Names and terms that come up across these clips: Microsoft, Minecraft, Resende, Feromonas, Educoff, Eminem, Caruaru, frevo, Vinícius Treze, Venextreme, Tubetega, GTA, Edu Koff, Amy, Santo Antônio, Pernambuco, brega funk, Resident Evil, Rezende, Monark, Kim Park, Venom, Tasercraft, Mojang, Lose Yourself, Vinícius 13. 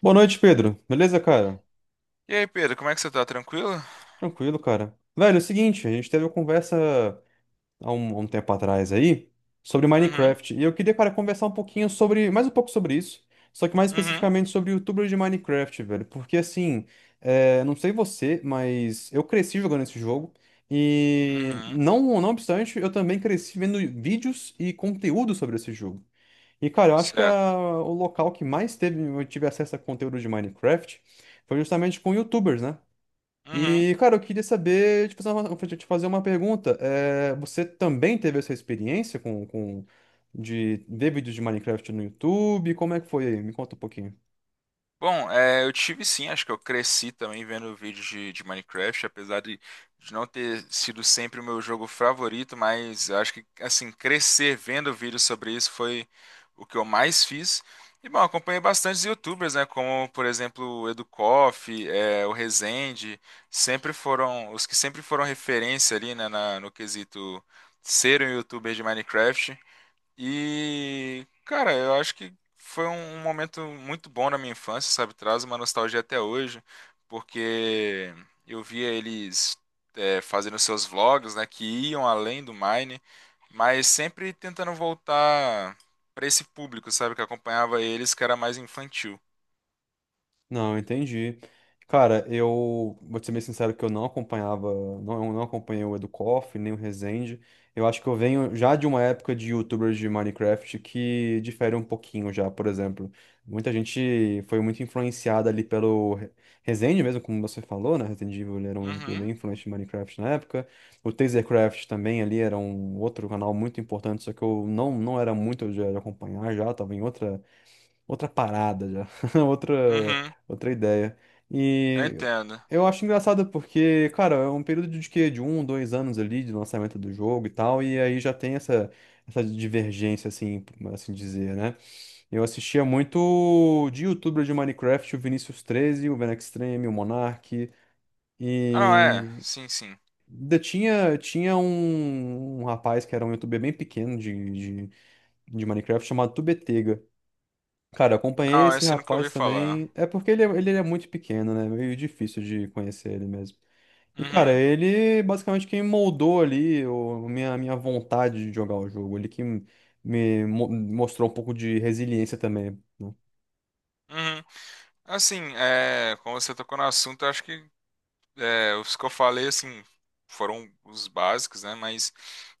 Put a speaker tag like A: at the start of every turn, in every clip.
A: Boa noite, Pedro. Beleza, cara?
B: E aí, Pedro, como é que você tá? Tranquilo?
A: Tranquilo, cara. Velho, é o seguinte, a gente teve uma conversa há um tempo atrás aí sobre
B: Uhum,
A: Minecraft. E eu queria, cara, conversar um pouquinho sobre, mais um pouco sobre isso, só que mais
B: uhum,
A: especificamente sobre YouTubers de Minecraft, velho. Porque assim, é, não sei você, mas eu cresci jogando esse jogo. E
B: uhum,
A: não, não obstante, eu também cresci vendo vídeos e conteúdo sobre esse jogo. E, cara, eu acho que
B: certo.
A: o local que mais teve, eu tive acesso a conteúdo de Minecraft foi justamente com YouTubers, né?
B: Uhum.
A: E, cara, eu queria saber, te fazer uma pergunta. É, você também teve essa experiência com de ver vídeos de Minecraft no YouTube? Como é que foi aí? Me conta um pouquinho.
B: Bom, é, eu tive sim, acho que eu cresci também vendo vídeos de Minecraft, apesar de não ter sido sempre o meu jogo favorito, mas eu acho que, assim, crescer vendo vídeos sobre isso foi o que eu mais fiz. E, bom, acompanhei bastantes YouTubers, né, como, por exemplo, o Edu Koff, o Rezende, os que sempre foram referência ali, né, no quesito ser um YouTuber de Minecraft. E, cara, eu acho que foi um momento muito bom na minha infância, sabe? Traz uma nostalgia até hoje, porque eu via eles fazendo seus vlogs, né? Que iam além do Mine, mas sempre tentando voltar pra esse público, sabe? Que acompanhava eles, que era mais infantil.
A: Não, entendi. Cara, eu vou te ser bem sincero que eu não acompanhava, não, eu não acompanhei o Educoff, nem o Resende. Eu acho que eu venho já de uma época de YouTubers de Minecraft que difere um pouquinho já, por exemplo. Muita gente foi muito influenciada ali pelo Resende mesmo, como você falou, né? Resident Evil ele era um youtuber bem
B: Uhum,
A: influente de Minecraft na época. O Tasercraft também ali era um outro canal muito importante, só que eu não era muito de acompanhar já, tava em outra outra parada já, outra
B: uhum,
A: outra ideia.
B: eu
A: E
B: entendo.
A: eu acho engraçado porque, cara, é um período de quê? De um, dois anos ali de lançamento do jogo e tal, e aí já tem essa divergência assim, por assim dizer, né? Eu assistia muito de youtuber de Minecraft, o Vinícius 13, o Venextreme, o Monark
B: Ah, não, é,
A: e
B: sim, sim.
A: ainda tinha um rapaz que era um youtuber bem pequeno de, de Minecraft chamado Tubetega. Cara, eu acompanhei
B: Não,
A: esse
B: esse eu nunca
A: rapaz
B: ouvi falar.
A: também. É porque ele é muito pequeno, né? Meio difícil de conhecer ele mesmo. E, cara,
B: Uhum,
A: ele basicamente quem moldou ali a minha vontade de jogar o jogo. Ele que me mostrou um pouco de resiliência também, né?
B: uhum. Assim, é, como você tocou no assunto, eu acho que os que eu falei, assim, foram os básicos, né? Mas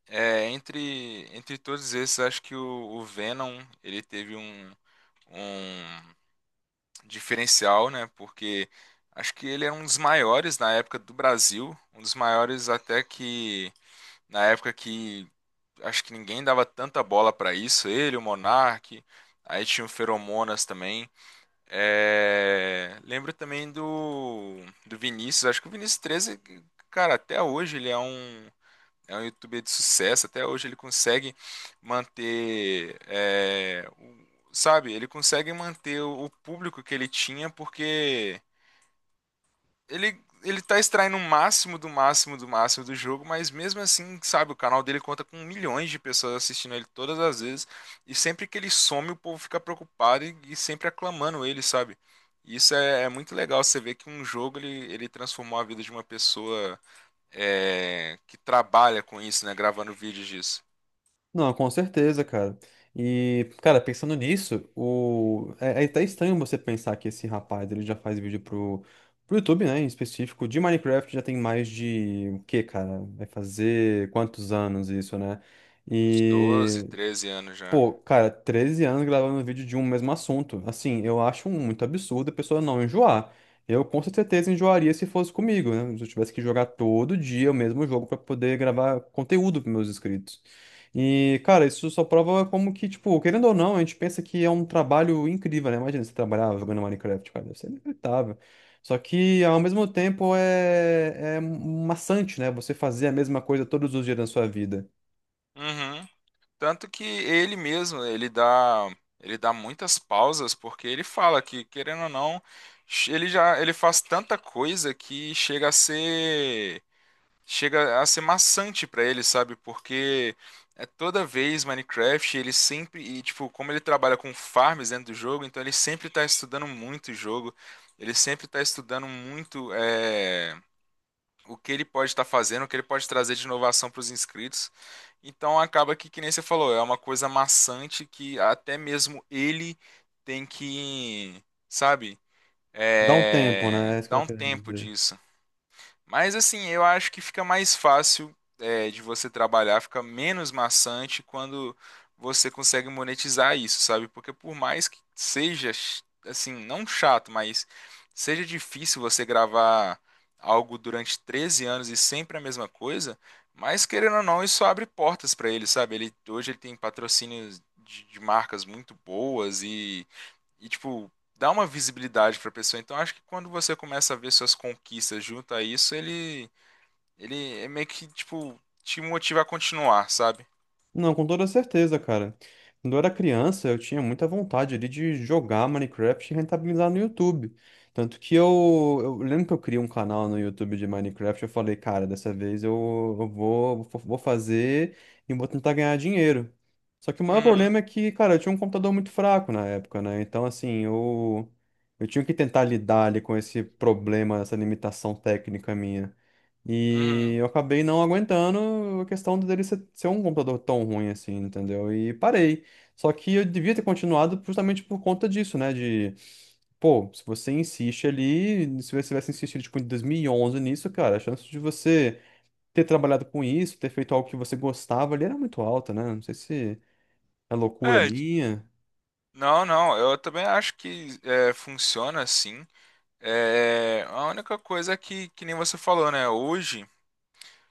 B: é, entre todos esses, acho que o Venom, ele teve um diferencial, né? Porque acho que ele era um dos maiores na época do Brasil, um dos maiores até que, na época que, acho que ninguém dava tanta bola pra isso, ele, o Monark, aí tinha o Feromonas também. Lembro também do Vinícius. Acho que o Vinícius 13, cara, até hoje ele é um, youtuber de sucesso. Até hoje ele consegue manter, sabe, ele consegue manter o público que ele tinha, porque ele tá extraindo o máximo do máximo do máximo do jogo, mas mesmo assim, sabe, o canal dele conta com milhões de pessoas assistindo ele todas as vezes, e sempre que ele some, o povo fica preocupado e sempre aclamando ele, sabe? E isso é muito legal, você vê que um jogo, ele transformou a vida de uma pessoa que trabalha com isso, né? Gravando vídeos disso.
A: Não, com certeza, cara. E, cara, pensando nisso, é até estranho você pensar que esse rapaz ele já faz vídeo pro YouTube, né, em específico, de Minecraft já tem mais de o quê, cara? Vai fazer quantos anos isso, né?
B: Uns 12,
A: E
B: 13 anos já.
A: Pô, cara, 13 anos gravando vídeo de um mesmo assunto. Assim, eu acho muito absurdo a pessoa não enjoar. Eu com certeza enjoaria se fosse comigo, né? Se eu tivesse que jogar todo dia o mesmo jogo pra poder gravar conteúdo para meus inscritos. E, cara, isso só prova como que, tipo, querendo ou não, a gente pensa que é um trabalho incrível, né? Imagina você trabalhar jogando Minecraft, cara, deve ser inacreditável. Só que, ao mesmo tempo, é maçante, né? Você fazer a mesma coisa todos os dias da sua vida.
B: Uhum. Tanto que ele mesmo, ele dá muitas pausas, porque ele fala que, querendo ou não, ele faz tanta coisa que chega a ser maçante pra ele, sabe? Porque é toda vez Minecraft, ele sempre, e tipo, como ele trabalha com farms dentro do jogo, então ele sempre tá estudando muito o jogo, ele sempre tá estudando muito, o que ele pode estar fazendo, o que ele pode trazer de inovação para os inscritos. Então acaba que nem você falou, é uma coisa maçante que até mesmo ele tem que, sabe,
A: Dá um tempo, né? É isso que
B: dar
A: eu tô
B: um
A: querendo
B: tempo
A: dizer.
B: disso. Mas assim, eu acho que fica mais fácil é, de você trabalhar, fica menos maçante quando você consegue monetizar isso, sabe? Porque por mais que seja assim, não chato, mas seja difícil você gravar algo durante 13 anos e sempre a mesma coisa, mas querendo ou não, isso abre portas para ele, sabe? Ele hoje ele tem patrocínios de marcas muito boas e, tipo, dá uma visibilidade pra pessoa. Então, acho que quando você começa a ver suas conquistas junto a isso, ele, é meio que, tipo, te motiva a continuar, sabe?
A: Não, com toda certeza, cara. Quando eu era criança, eu tinha muita vontade ali de jogar Minecraft e rentabilizar no YouTube. Tanto que eu lembro que eu criei um canal no YouTube de Minecraft, eu falei, cara, dessa vez vou fazer e vou tentar ganhar dinheiro. Só que o maior
B: Uhum,
A: problema é que, cara, eu tinha um computador muito fraco na época, né? Então, assim, eu tinha que tentar lidar ali com esse problema, essa limitação técnica minha. E
B: uhum.
A: eu acabei não aguentando a questão dele ser um computador tão ruim assim, entendeu? E parei. Só que eu devia ter continuado justamente por conta disso, né? De, pô, se você insiste ali, se você tivesse insistido, tipo, em 2011 nisso, cara, a chance de você ter trabalhado com isso, ter feito algo que você gostava ali era muito alta, né? Não sei se é loucura
B: É,
A: minha.
B: não, não, eu também acho que é, funciona assim. É, a única coisa é que nem você falou, né? Hoje,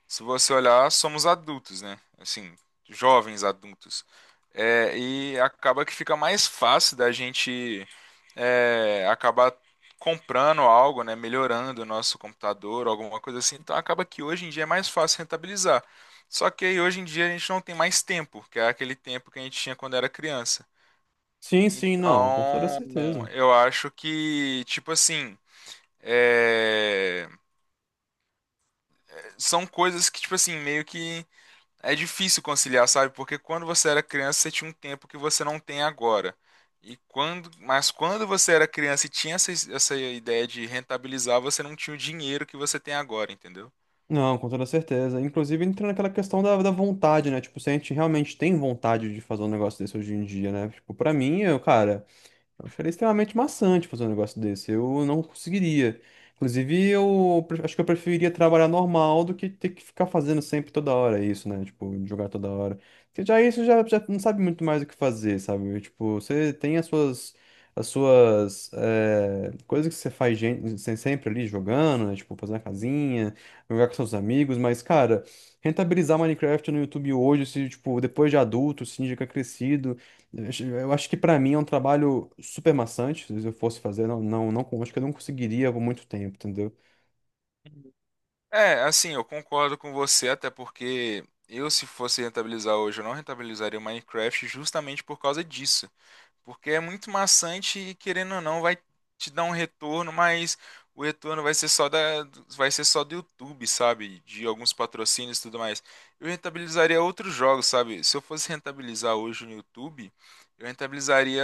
B: se você olhar, somos adultos, né? Assim, jovens adultos. É, e acaba que fica mais fácil da gente acabar comprando algo, né? Melhorando o nosso computador, alguma coisa assim. Então acaba que hoje em dia é mais fácil rentabilizar. Só que aí hoje em dia a gente não tem mais tempo, que é aquele tempo que a gente tinha quando era criança.
A: Sim, sim, não, com toda
B: Então,
A: certeza.
B: eu acho que, tipo assim, é, são coisas que, tipo assim, meio que é difícil conciliar, sabe? Porque quando você era criança, você tinha um tempo que você não tem agora. E quando, mas quando você era criança e tinha essa, ideia de rentabilizar, você não tinha o dinheiro que você tem agora, entendeu?
A: Não, com toda certeza. Inclusive, entra naquela questão da vontade, né? Tipo, se a gente realmente tem vontade de fazer um negócio desse hoje em dia, né? Tipo, pra mim, eu, cara. Eu acharia extremamente maçante fazer um negócio desse. Eu não conseguiria. Inclusive, acho que eu preferiria trabalhar normal do que ter que ficar fazendo sempre toda hora isso, né? Tipo, jogar toda hora. Porque já isso já não sabe muito mais o que fazer, sabe? Tipo, você tem as suas coisas que você faz sempre ali jogando, né? Tipo, fazer uma casinha, jogar com seus amigos, mas, cara, rentabilizar Minecraft no YouTube hoje, se, tipo, depois de adulto, se indica crescido. Eu acho que pra mim é um trabalho super maçante. Se eu fosse fazer, não, não, não, acho que eu não conseguiria por muito tempo, entendeu?
B: É, assim, eu concordo com você, até porque eu, se fosse rentabilizar hoje, eu não rentabilizaria o Minecraft justamente por causa disso. Porque é muito maçante e querendo ou não vai te dar um retorno, mas o retorno vai ser só da vai ser só do YouTube, sabe? De alguns patrocínios e tudo mais. Eu rentabilizaria outros jogos, sabe? Se eu fosse rentabilizar hoje no YouTube, eu rentabilizaria,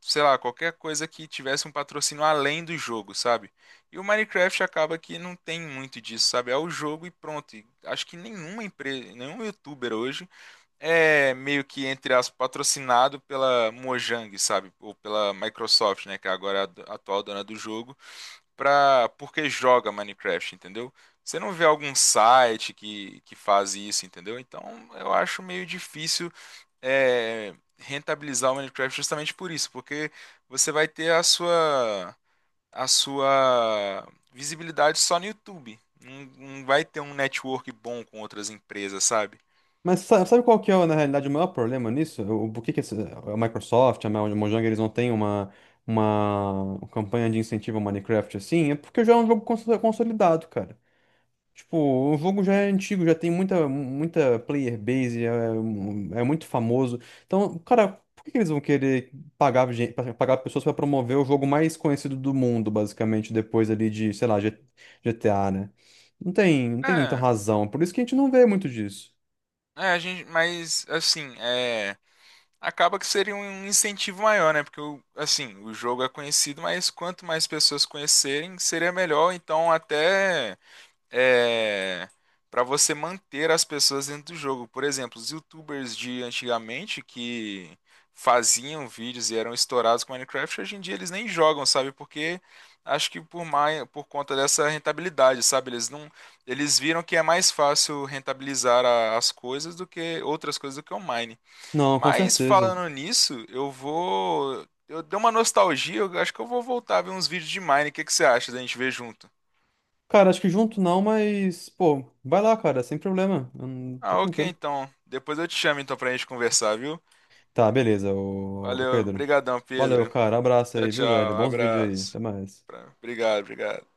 B: sei lá, qualquer coisa que tivesse um patrocínio além do jogo, sabe? E o Minecraft acaba que não tem muito disso, sabe? É o jogo e pronto. E acho que nenhuma empresa, nenhum youtuber hoje é meio que, entre aspas, patrocinado pela Mojang, sabe? Ou pela Microsoft, né? Que é agora a atual dona do jogo, pra... porque joga Minecraft, entendeu? Você não vê algum site que faz isso, entendeu? Então eu acho meio difícil rentabilizar o Minecraft justamente por isso, porque você vai ter a sua visibilidade só no YouTube. Não, não vai ter um network bom com outras empresas, sabe?
A: Mas sabe, qual que é, na realidade, o maior problema nisso? Por que que a Microsoft, a Mojang, eles não têm uma campanha de incentivo ao Minecraft assim? É porque já é um jogo consolidado, cara. Tipo, o jogo já é antigo, já tem muita, muita player base, é muito famoso. Então, cara, por que que eles vão querer pagar, pagar pessoas pra promover o jogo mais conhecido do mundo, basicamente, depois ali de, sei lá, GTA, né? Não tem muita
B: É,
A: razão. Por isso que a gente não vê muito disso.
B: A gente, mas assim, é, acaba que seria um incentivo maior, né? Porque assim, o jogo é conhecido, mas quanto mais pessoas conhecerem, seria melhor. Então, até é, para você manter as pessoas dentro do jogo. Por exemplo, os YouTubers de antigamente que faziam vídeos e eram estourados com Minecraft, hoje em dia eles nem jogam, sabe? Porque acho que por mais, por conta dessa rentabilidade, sabe? Eles não, eles viram que é mais fácil rentabilizar as coisas do que outras coisas do que o Mine.
A: Não, com
B: Mas
A: certeza.
B: falando nisso, eu vou. Eu dei uma nostalgia, eu acho que eu vou voltar a ver uns vídeos de Mine. O que que você acha da gente ver junto?
A: Cara, acho que junto não, mas, pô, vai lá, cara, sem problema. Tá
B: Ah, ok,
A: tranquilo.
B: então. Depois eu te chamo então pra gente conversar, viu?
A: Tá, beleza, ô, ô
B: Valeu,
A: Pedro.
B: brigadão,
A: Valeu,
B: Pedro.
A: cara. Abraço
B: Tchau,
A: aí, viu, velho?
B: tchau,
A: Bons vídeos aí. Até
B: abraço.
A: mais.
B: Pra- obrigado, obrigado.